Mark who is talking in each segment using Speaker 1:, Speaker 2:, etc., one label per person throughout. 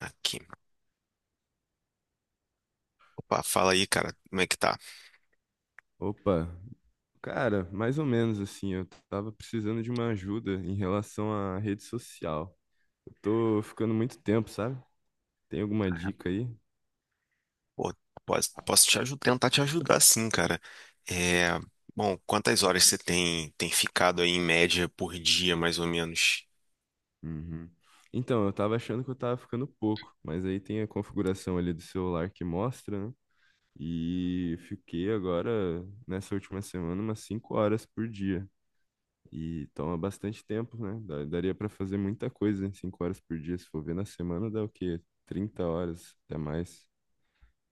Speaker 1: Aqui. Opa, fala aí, cara. Como é que tá?
Speaker 2: Opa, cara, mais ou menos assim, eu tava precisando de uma ajuda em relação à rede social. Eu tô ficando muito tempo, sabe? Tem alguma
Speaker 1: Ah,
Speaker 2: dica aí?
Speaker 1: pô, posso te ajudar, tentar te ajudar sim, cara. É, bom, quantas horas você tem ficado aí em média por dia, mais ou menos?
Speaker 2: Uhum. Então, eu tava achando que eu tava ficando pouco, mas aí tem a configuração ali do celular que mostra, né? E fiquei agora, nessa última semana, umas 5 horas por dia. E toma bastante tempo, né? Daria pra fazer muita coisa em 5 horas por dia. Se for ver na semana, dá o quê? 30 horas, até mais.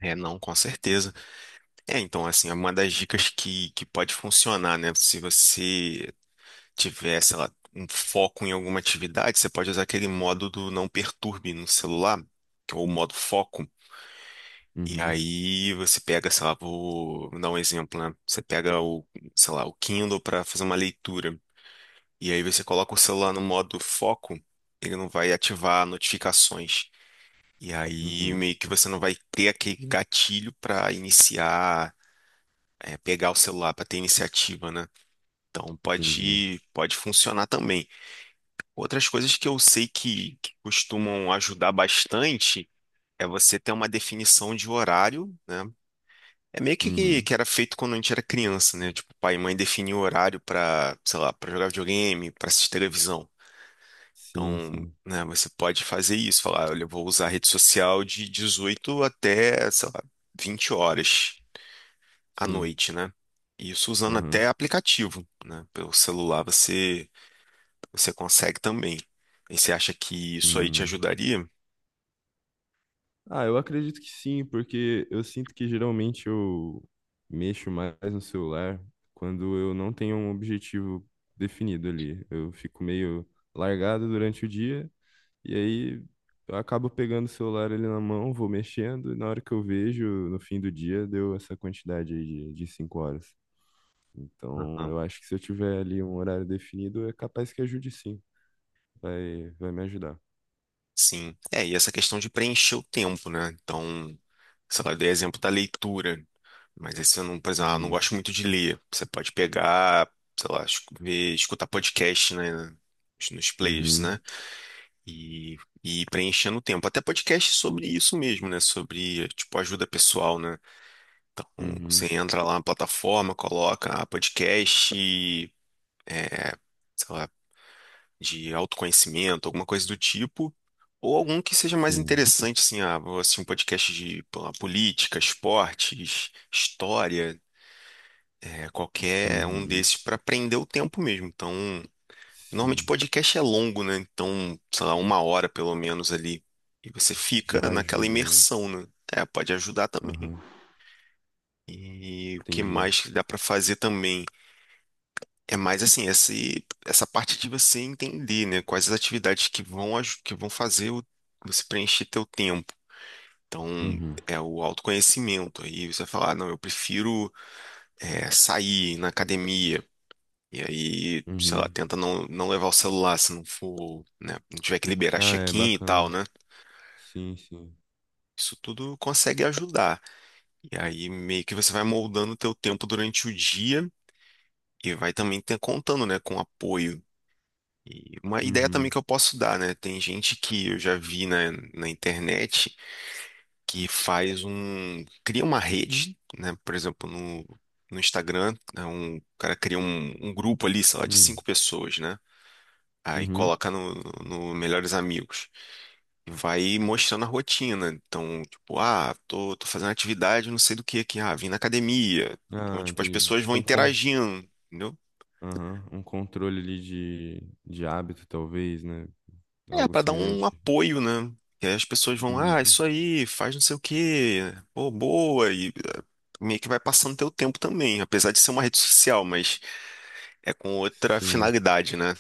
Speaker 1: É, não, com certeza. É, então, assim, é uma das dicas que pode funcionar, né? Se você tiver, sei lá, um foco em alguma atividade, você pode usar aquele modo do não perturbe no celular, que é o modo foco. E
Speaker 2: Uhum.
Speaker 1: aí você pega, sei lá, vou dar um exemplo, né? Você pega o, sei lá, o Kindle para fazer uma leitura. E aí você coloca o celular no modo foco, ele não vai ativar notificações. E aí
Speaker 2: Uhum.
Speaker 1: meio que você não vai ter aquele gatilho para iniciar, pegar o celular para ter iniciativa, né? Então
Speaker 2: Entendi.
Speaker 1: pode funcionar também. Outras coisas que eu sei que costumam ajudar bastante é você ter uma definição de horário, né? É meio que, que
Speaker 2: Uhum.
Speaker 1: que era feito quando a gente era criança, né? Tipo, pai e mãe definiam o horário pra, sei lá, pra jogar videogame, pra assistir televisão.
Speaker 2: Sim,
Speaker 1: Então,
Speaker 2: sim,
Speaker 1: né, você pode fazer isso, falar, olha, eu vou usar a rede social de 18 até, sei lá, 20 horas à
Speaker 2: sim.
Speaker 1: noite, né? Isso usando
Speaker 2: Uhum.
Speaker 1: até aplicativo, né? Pelo celular você consegue também. E você acha que isso aí te
Speaker 2: Hum.
Speaker 1: ajudaria?
Speaker 2: Ah, eu acredito que sim, porque eu sinto que geralmente eu mexo mais no celular quando eu não tenho um objetivo definido ali. Eu fico meio largado durante o dia e aí eu acabo pegando o celular ali na mão, vou mexendo e na hora que eu vejo, no fim do dia, deu essa quantidade aí de 5 horas. Então,
Speaker 1: Aham.
Speaker 2: eu acho que se eu tiver ali um horário definido, é capaz que ajude sim. Vai me ajudar.
Speaker 1: Sim. É, e essa questão de preencher o tempo, né? Então, sei lá, eu dei exemplo da leitura. Mas esse eu não, por exemplo, eu não
Speaker 2: Uhum,
Speaker 1: gosto muito de ler. Você pode pegar, sei lá, ver, escutar podcast, né? Nos players,
Speaker 2: uhum,
Speaker 1: né? E, e ir preenchendo o tempo. Até podcast sobre isso mesmo, né? Sobre, tipo, ajuda pessoal, né? Você
Speaker 2: uhum,
Speaker 1: entra lá na plataforma, coloca podcast, sei lá, de autoconhecimento, alguma coisa do tipo, ou algum que seja mais
Speaker 2: sim,
Speaker 1: interessante, assim, ah, vou assistir um podcast de pô, lá, política, esportes, história, é, qualquer um
Speaker 2: uhum,
Speaker 1: desses para prender o tempo mesmo. Então, normalmente
Speaker 2: sim.
Speaker 1: podcast é longo, né? Então, sei lá, uma hora pelo menos ali. E você
Speaker 2: Já
Speaker 1: fica naquela
Speaker 2: ajuda, né?
Speaker 1: imersão, né? É, pode ajudar também.
Speaker 2: Aham,
Speaker 1: E o que
Speaker 2: entendi.
Speaker 1: mais que dá para fazer também? É mais assim, esse, essa parte de você entender, né, quais as atividades que vão, que vão fazer você preencher teu tempo. Então,
Speaker 2: Uhum,
Speaker 1: é o autoconhecimento. Aí você vai falar, "Ah, não, eu prefiro sair ir na academia. E aí, sei lá,
Speaker 2: uhum.
Speaker 1: tenta não levar o celular se não for, né, não tiver que liberar
Speaker 2: Ah, é
Speaker 1: check-in e tal,
Speaker 2: bacana.
Speaker 1: né?
Speaker 2: Sim, sim.
Speaker 1: Isso tudo consegue ajudar. E aí meio que você vai moldando o teu tempo durante o dia e vai também ter, contando, né, com apoio. E uma ideia também
Speaker 2: Uhum,
Speaker 1: que eu posso dar, né? Tem gente que eu já vi na internet que faz um, cria uma rede, né? Por exemplo, no Instagram, né? O cara cria um grupo ali, sei lá, de
Speaker 2: uhum,
Speaker 1: cinco pessoas, né? Aí
Speaker 2: uhum.
Speaker 1: coloca no Melhores Amigos e vai mostrando a rotina. Então, tipo, ah, tô fazendo atividade, não sei do que aqui, ah, vim na academia. Então,
Speaker 2: Ah,
Speaker 1: tipo, as
Speaker 2: entendi.
Speaker 1: pessoas vão
Speaker 2: Tipo um,
Speaker 1: interagindo. Entendeu?
Speaker 2: aham, um controle ali de hábito, talvez, né?
Speaker 1: É,
Speaker 2: Algo
Speaker 1: para dar um
Speaker 2: semelhante.
Speaker 1: apoio, né? Que aí as pessoas vão, ah,
Speaker 2: Uhum,
Speaker 1: isso aí, faz não sei o quê, pô, boa, e meio que vai passando teu tempo também, apesar de ser uma rede social, mas é com outra
Speaker 2: sim.
Speaker 1: finalidade, né?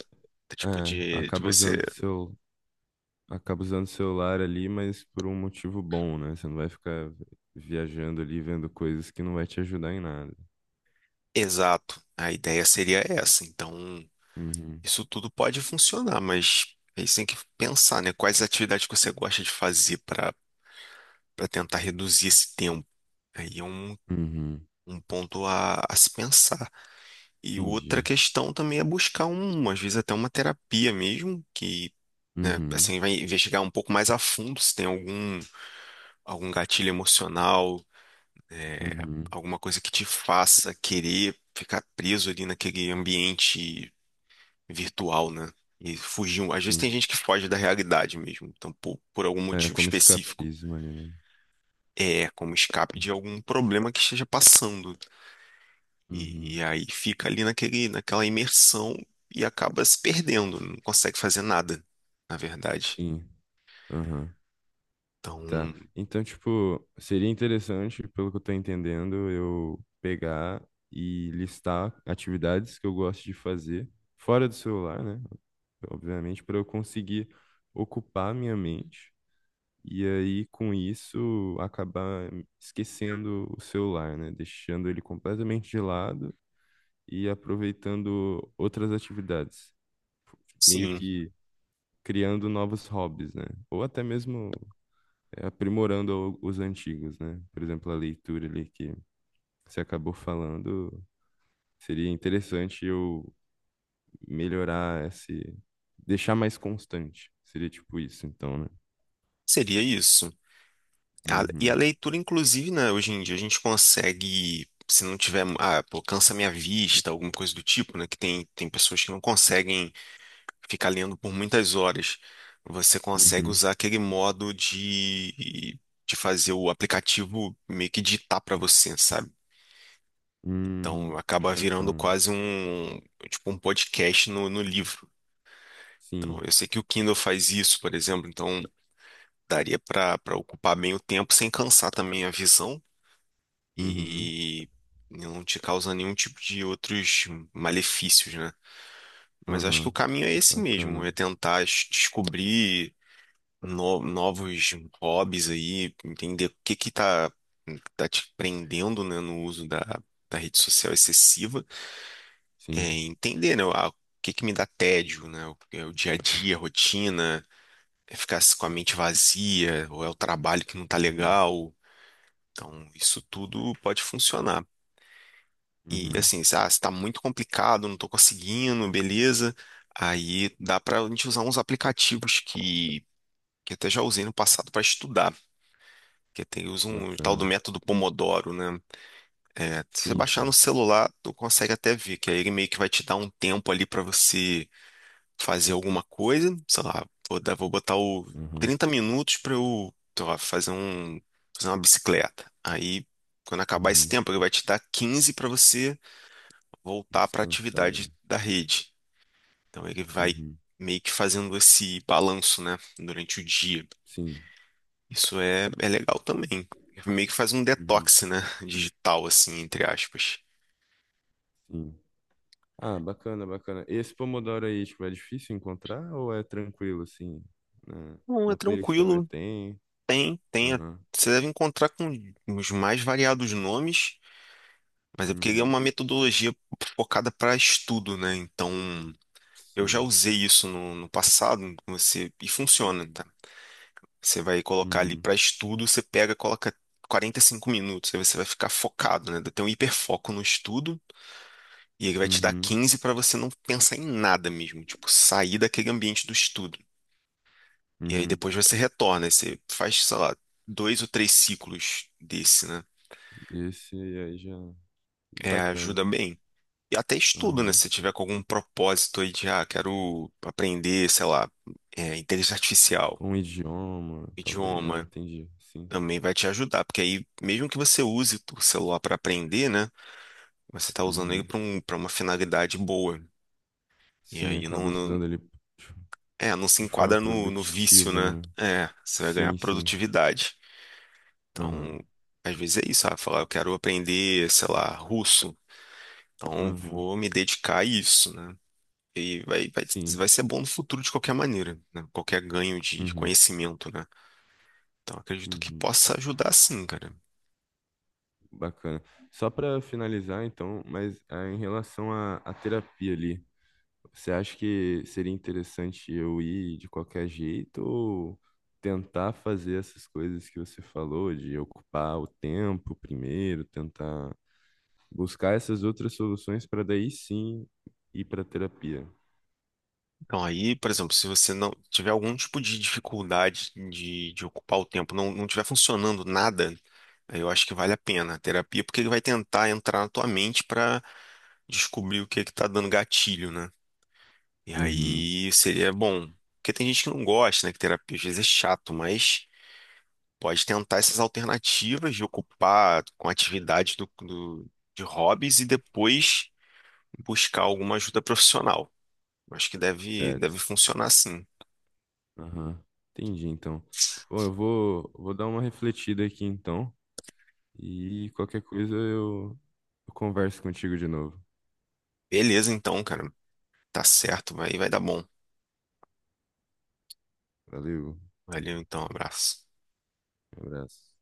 Speaker 1: Tipo,
Speaker 2: É,
Speaker 1: de
Speaker 2: acaba
Speaker 1: você.
Speaker 2: usando seu acaba usando o celular ali, mas por um motivo bom, né? Você não vai ficar viajando ali, vendo coisas que não vai te ajudar em nada.
Speaker 1: Exato. A ideia seria essa. Então,
Speaker 2: Uhum,
Speaker 1: isso tudo pode funcionar, mas aí você tem que pensar, né? Quais atividades que você gosta de fazer para para tentar reduzir esse tempo. Aí é um,
Speaker 2: uhum,
Speaker 1: um ponto a se pensar. E outra
Speaker 2: entendi.
Speaker 1: questão também é buscar um, às vezes até uma terapia mesmo, que, né,
Speaker 2: Uhum,
Speaker 1: assim, vai investigar um pouco mais a fundo se tem algum gatilho emocional, é,
Speaker 2: uhum,
Speaker 1: alguma coisa que te faça querer ficar preso ali naquele ambiente virtual, né? E fugir. Às vezes tem
Speaker 2: sim.
Speaker 1: gente que foge da realidade mesmo, então por algum
Speaker 2: É
Speaker 1: motivo
Speaker 2: como
Speaker 1: específico.
Speaker 2: escapismo ali, né?
Speaker 1: É, como escape de algum problema que esteja passando. E,
Speaker 2: Uhum,
Speaker 1: e aí fica ali naquele, naquela imersão e acaba se perdendo, não consegue fazer nada, na verdade.
Speaker 2: sim, aham,
Speaker 1: Então,
Speaker 2: tá. Então, tipo, seria interessante, pelo que eu tô entendendo, eu pegar e listar atividades que eu gosto de fazer fora do celular, né? Obviamente, para eu conseguir ocupar minha mente. E aí, com isso, acabar esquecendo o celular, né? Deixando ele completamente de lado e aproveitando outras atividades, meio
Speaker 1: sim,
Speaker 2: que criando novos hobbies, né? Ou até mesmo aprimorando os antigos, né? Por exemplo, a leitura ali que você acabou falando, seria interessante eu melhorar esse, deixar mais constante. Seria tipo isso, então, né?
Speaker 1: seria isso. E a
Speaker 2: Uhum,
Speaker 1: leitura, inclusive, né, hoje em dia a gente consegue, se não tiver, ah, pô, cansa minha vista, alguma coisa do tipo, né, que tem pessoas que não conseguem ficar lendo por muitas horas. Você consegue
Speaker 2: uhum,
Speaker 1: usar aquele modo de fazer o aplicativo meio que ditar para você, sabe? Então
Speaker 2: uhum.
Speaker 1: acaba virando
Speaker 2: Bacana.
Speaker 1: quase um, tipo, um podcast no livro. Então
Speaker 2: Sim.
Speaker 1: eu sei que o Kindle faz isso, por exemplo, então daria para para ocupar bem o tempo sem cansar também a visão
Speaker 2: Uhum,
Speaker 1: e não te causar nenhum tipo de outros malefícios, né? Mas acho que
Speaker 2: aham,
Speaker 1: o caminho é esse mesmo,
Speaker 2: bacana,
Speaker 1: é tentar descobrir novos hobbies aí, entender o que que tá te prendendo, né, no uso da rede social excessiva é,
Speaker 2: sim,
Speaker 1: entender, né, o que que me dá tédio, né, o, é o dia a dia, a rotina, é ficar com a mente vazia, ou é o trabalho que não tá
Speaker 2: uhum,
Speaker 1: legal. Então, isso tudo pode funcionar. E
Speaker 2: uhum,
Speaker 1: assim, se se tá muito complicado, não tô conseguindo, beleza. Aí dá pra gente usar uns aplicativos que até já usei no passado para estudar. Que tem, usa um tal do
Speaker 2: bacana,
Speaker 1: método Pomodoro, né? É, se você
Speaker 2: sim,
Speaker 1: baixar no
Speaker 2: sim,
Speaker 1: celular, tu consegue até ver, que aí ele meio que vai te dar um tempo ali para você fazer alguma coisa, sei lá, vou botar o
Speaker 2: uhum,
Speaker 1: 30 minutos para eu, sei lá, fazer uma bicicleta. Aí, quando acabar esse
Speaker 2: uhum,
Speaker 1: tempo, ele vai te dar 15 para você voltar para a atividade
Speaker 2: descansarem,
Speaker 1: da rede. Então, ele vai
Speaker 2: uhum,
Speaker 1: meio que fazendo esse balanço, né, durante o dia.
Speaker 2: sim,
Speaker 1: Isso é, é legal também. Meio que faz um
Speaker 2: uhum,
Speaker 1: detox, né, digital, assim, entre aspas.
Speaker 2: sim. Ah, bacana, bacana. Esse Pomodoro aí, tipo, é difícil encontrar ou é tranquilo, assim, na,
Speaker 1: Não, é
Speaker 2: na Play Store
Speaker 1: tranquilo,
Speaker 2: tem?
Speaker 1: tem.
Speaker 2: Aham,
Speaker 1: Você deve encontrar com os mais variados nomes. Mas é porque ele é
Speaker 2: uhum,
Speaker 1: uma metodologia focada para estudo, né? Então, eu já
Speaker 2: sim,
Speaker 1: usei isso no passado, você, e funciona, tá?
Speaker 2: uhum,
Speaker 1: Você vai colocar ali
Speaker 2: uhum,
Speaker 1: para estudo, você pega, coloca 45 minutos, aí você vai ficar focado, né? Tem um hiperfoco no estudo, e ele vai te dar
Speaker 2: uhum,
Speaker 1: 15 para você não pensar em nada mesmo, tipo, sair daquele ambiente do estudo. E aí
Speaker 2: uhum,
Speaker 1: depois você retorna, aí você faz, sei lá, dois ou três ciclos desse, né?
Speaker 2: esse aí já,
Speaker 1: É,
Speaker 2: bacana,
Speaker 1: ajuda bem. E até estudo, né?
Speaker 2: aham.
Speaker 1: Se tiver com algum propósito aí de, ah, quero aprender, sei lá, é, inteligência artificial,
Speaker 2: Um idioma, talvez. Ah,
Speaker 1: idioma,
Speaker 2: entendi. Sim.
Speaker 1: também vai te ajudar, porque aí, mesmo que você use o celular para aprender, né? Você tá usando ele
Speaker 2: Uhum.
Speaker 1: para uma finalidade boa. E
Speaker 2: Sim,
Speaker 1: aí
Speaker 2: acaba usando ele
Speaker 1: não se
Speaker 2: de forma
Speaker 1: enquadra no vício,
Speaker 2: produtiva,
Speaker 1: né?
Speaker 2: né?
Speaker 1: É, você vai ganhar
Speaker 2: Sim, sim.
Speaker 1: produtividade.
Speaker 2: Aham.
Speaker 1: Então, às vezes é isso, ah, falar, eu quero aprender, sei lá, russo. Então,
Speaker 2: Aham.
Speaker 1: vou me dedicar a isso, né? E vai
Speaker 2: Sim.
Speaker 1: ser bom no futuro de qualquer maneira, né? Qualquer ganho de
Speaker 2: Uhum.
Speaker 1: conhecimento, né? Então, acredito que
Speaker 2: Uhum.
Speaker 1: possa ajudar sim, cara.
Speaker 2: Bacana. Só para finalizar, então, mas em relação à terapia ali, você acha que seria interessante eu ir de qualquer jeito ou tentar fazer essas coisas que você falou, de ocupar o tempo primeiro, tentar buscar essas outras soluções para daí sim ir para terapia.
Speaker 1: Então, aí, por exemplo, se você não tiver algum tipo de dificuldade de ocupar o tempo, não tiver funcionando nada, aí eu acho que vale a pena a terapia, porque ele vai tentar entrar na tua mente para descobrir o que é que tá dando gatilho, né? E
Speaker 2: Uhum,
Speaker 1: aí seria bom. Porque tem gente que não gosta, né? Que terapia às vezes é chato, mas. Pode tentar essas alternativas de ocupar com atividades de hobbies e depois buscar alguma ajuda profissional. Acho que deve
Speaker 2: certo.
Speaker 1: funcionar sim.
Speaker 2: Aham, entendi então. Bom, eu vou dar uma refletida aqui então e qualquer coisa eu converso contigo de novo.
Speaker 1: Beleza, então, cara. Tá certo, vai dar bom.
Speaker 2: Valeu,
Speaker 1: Valeu, então, abraço.
Speaker 2: um abraço.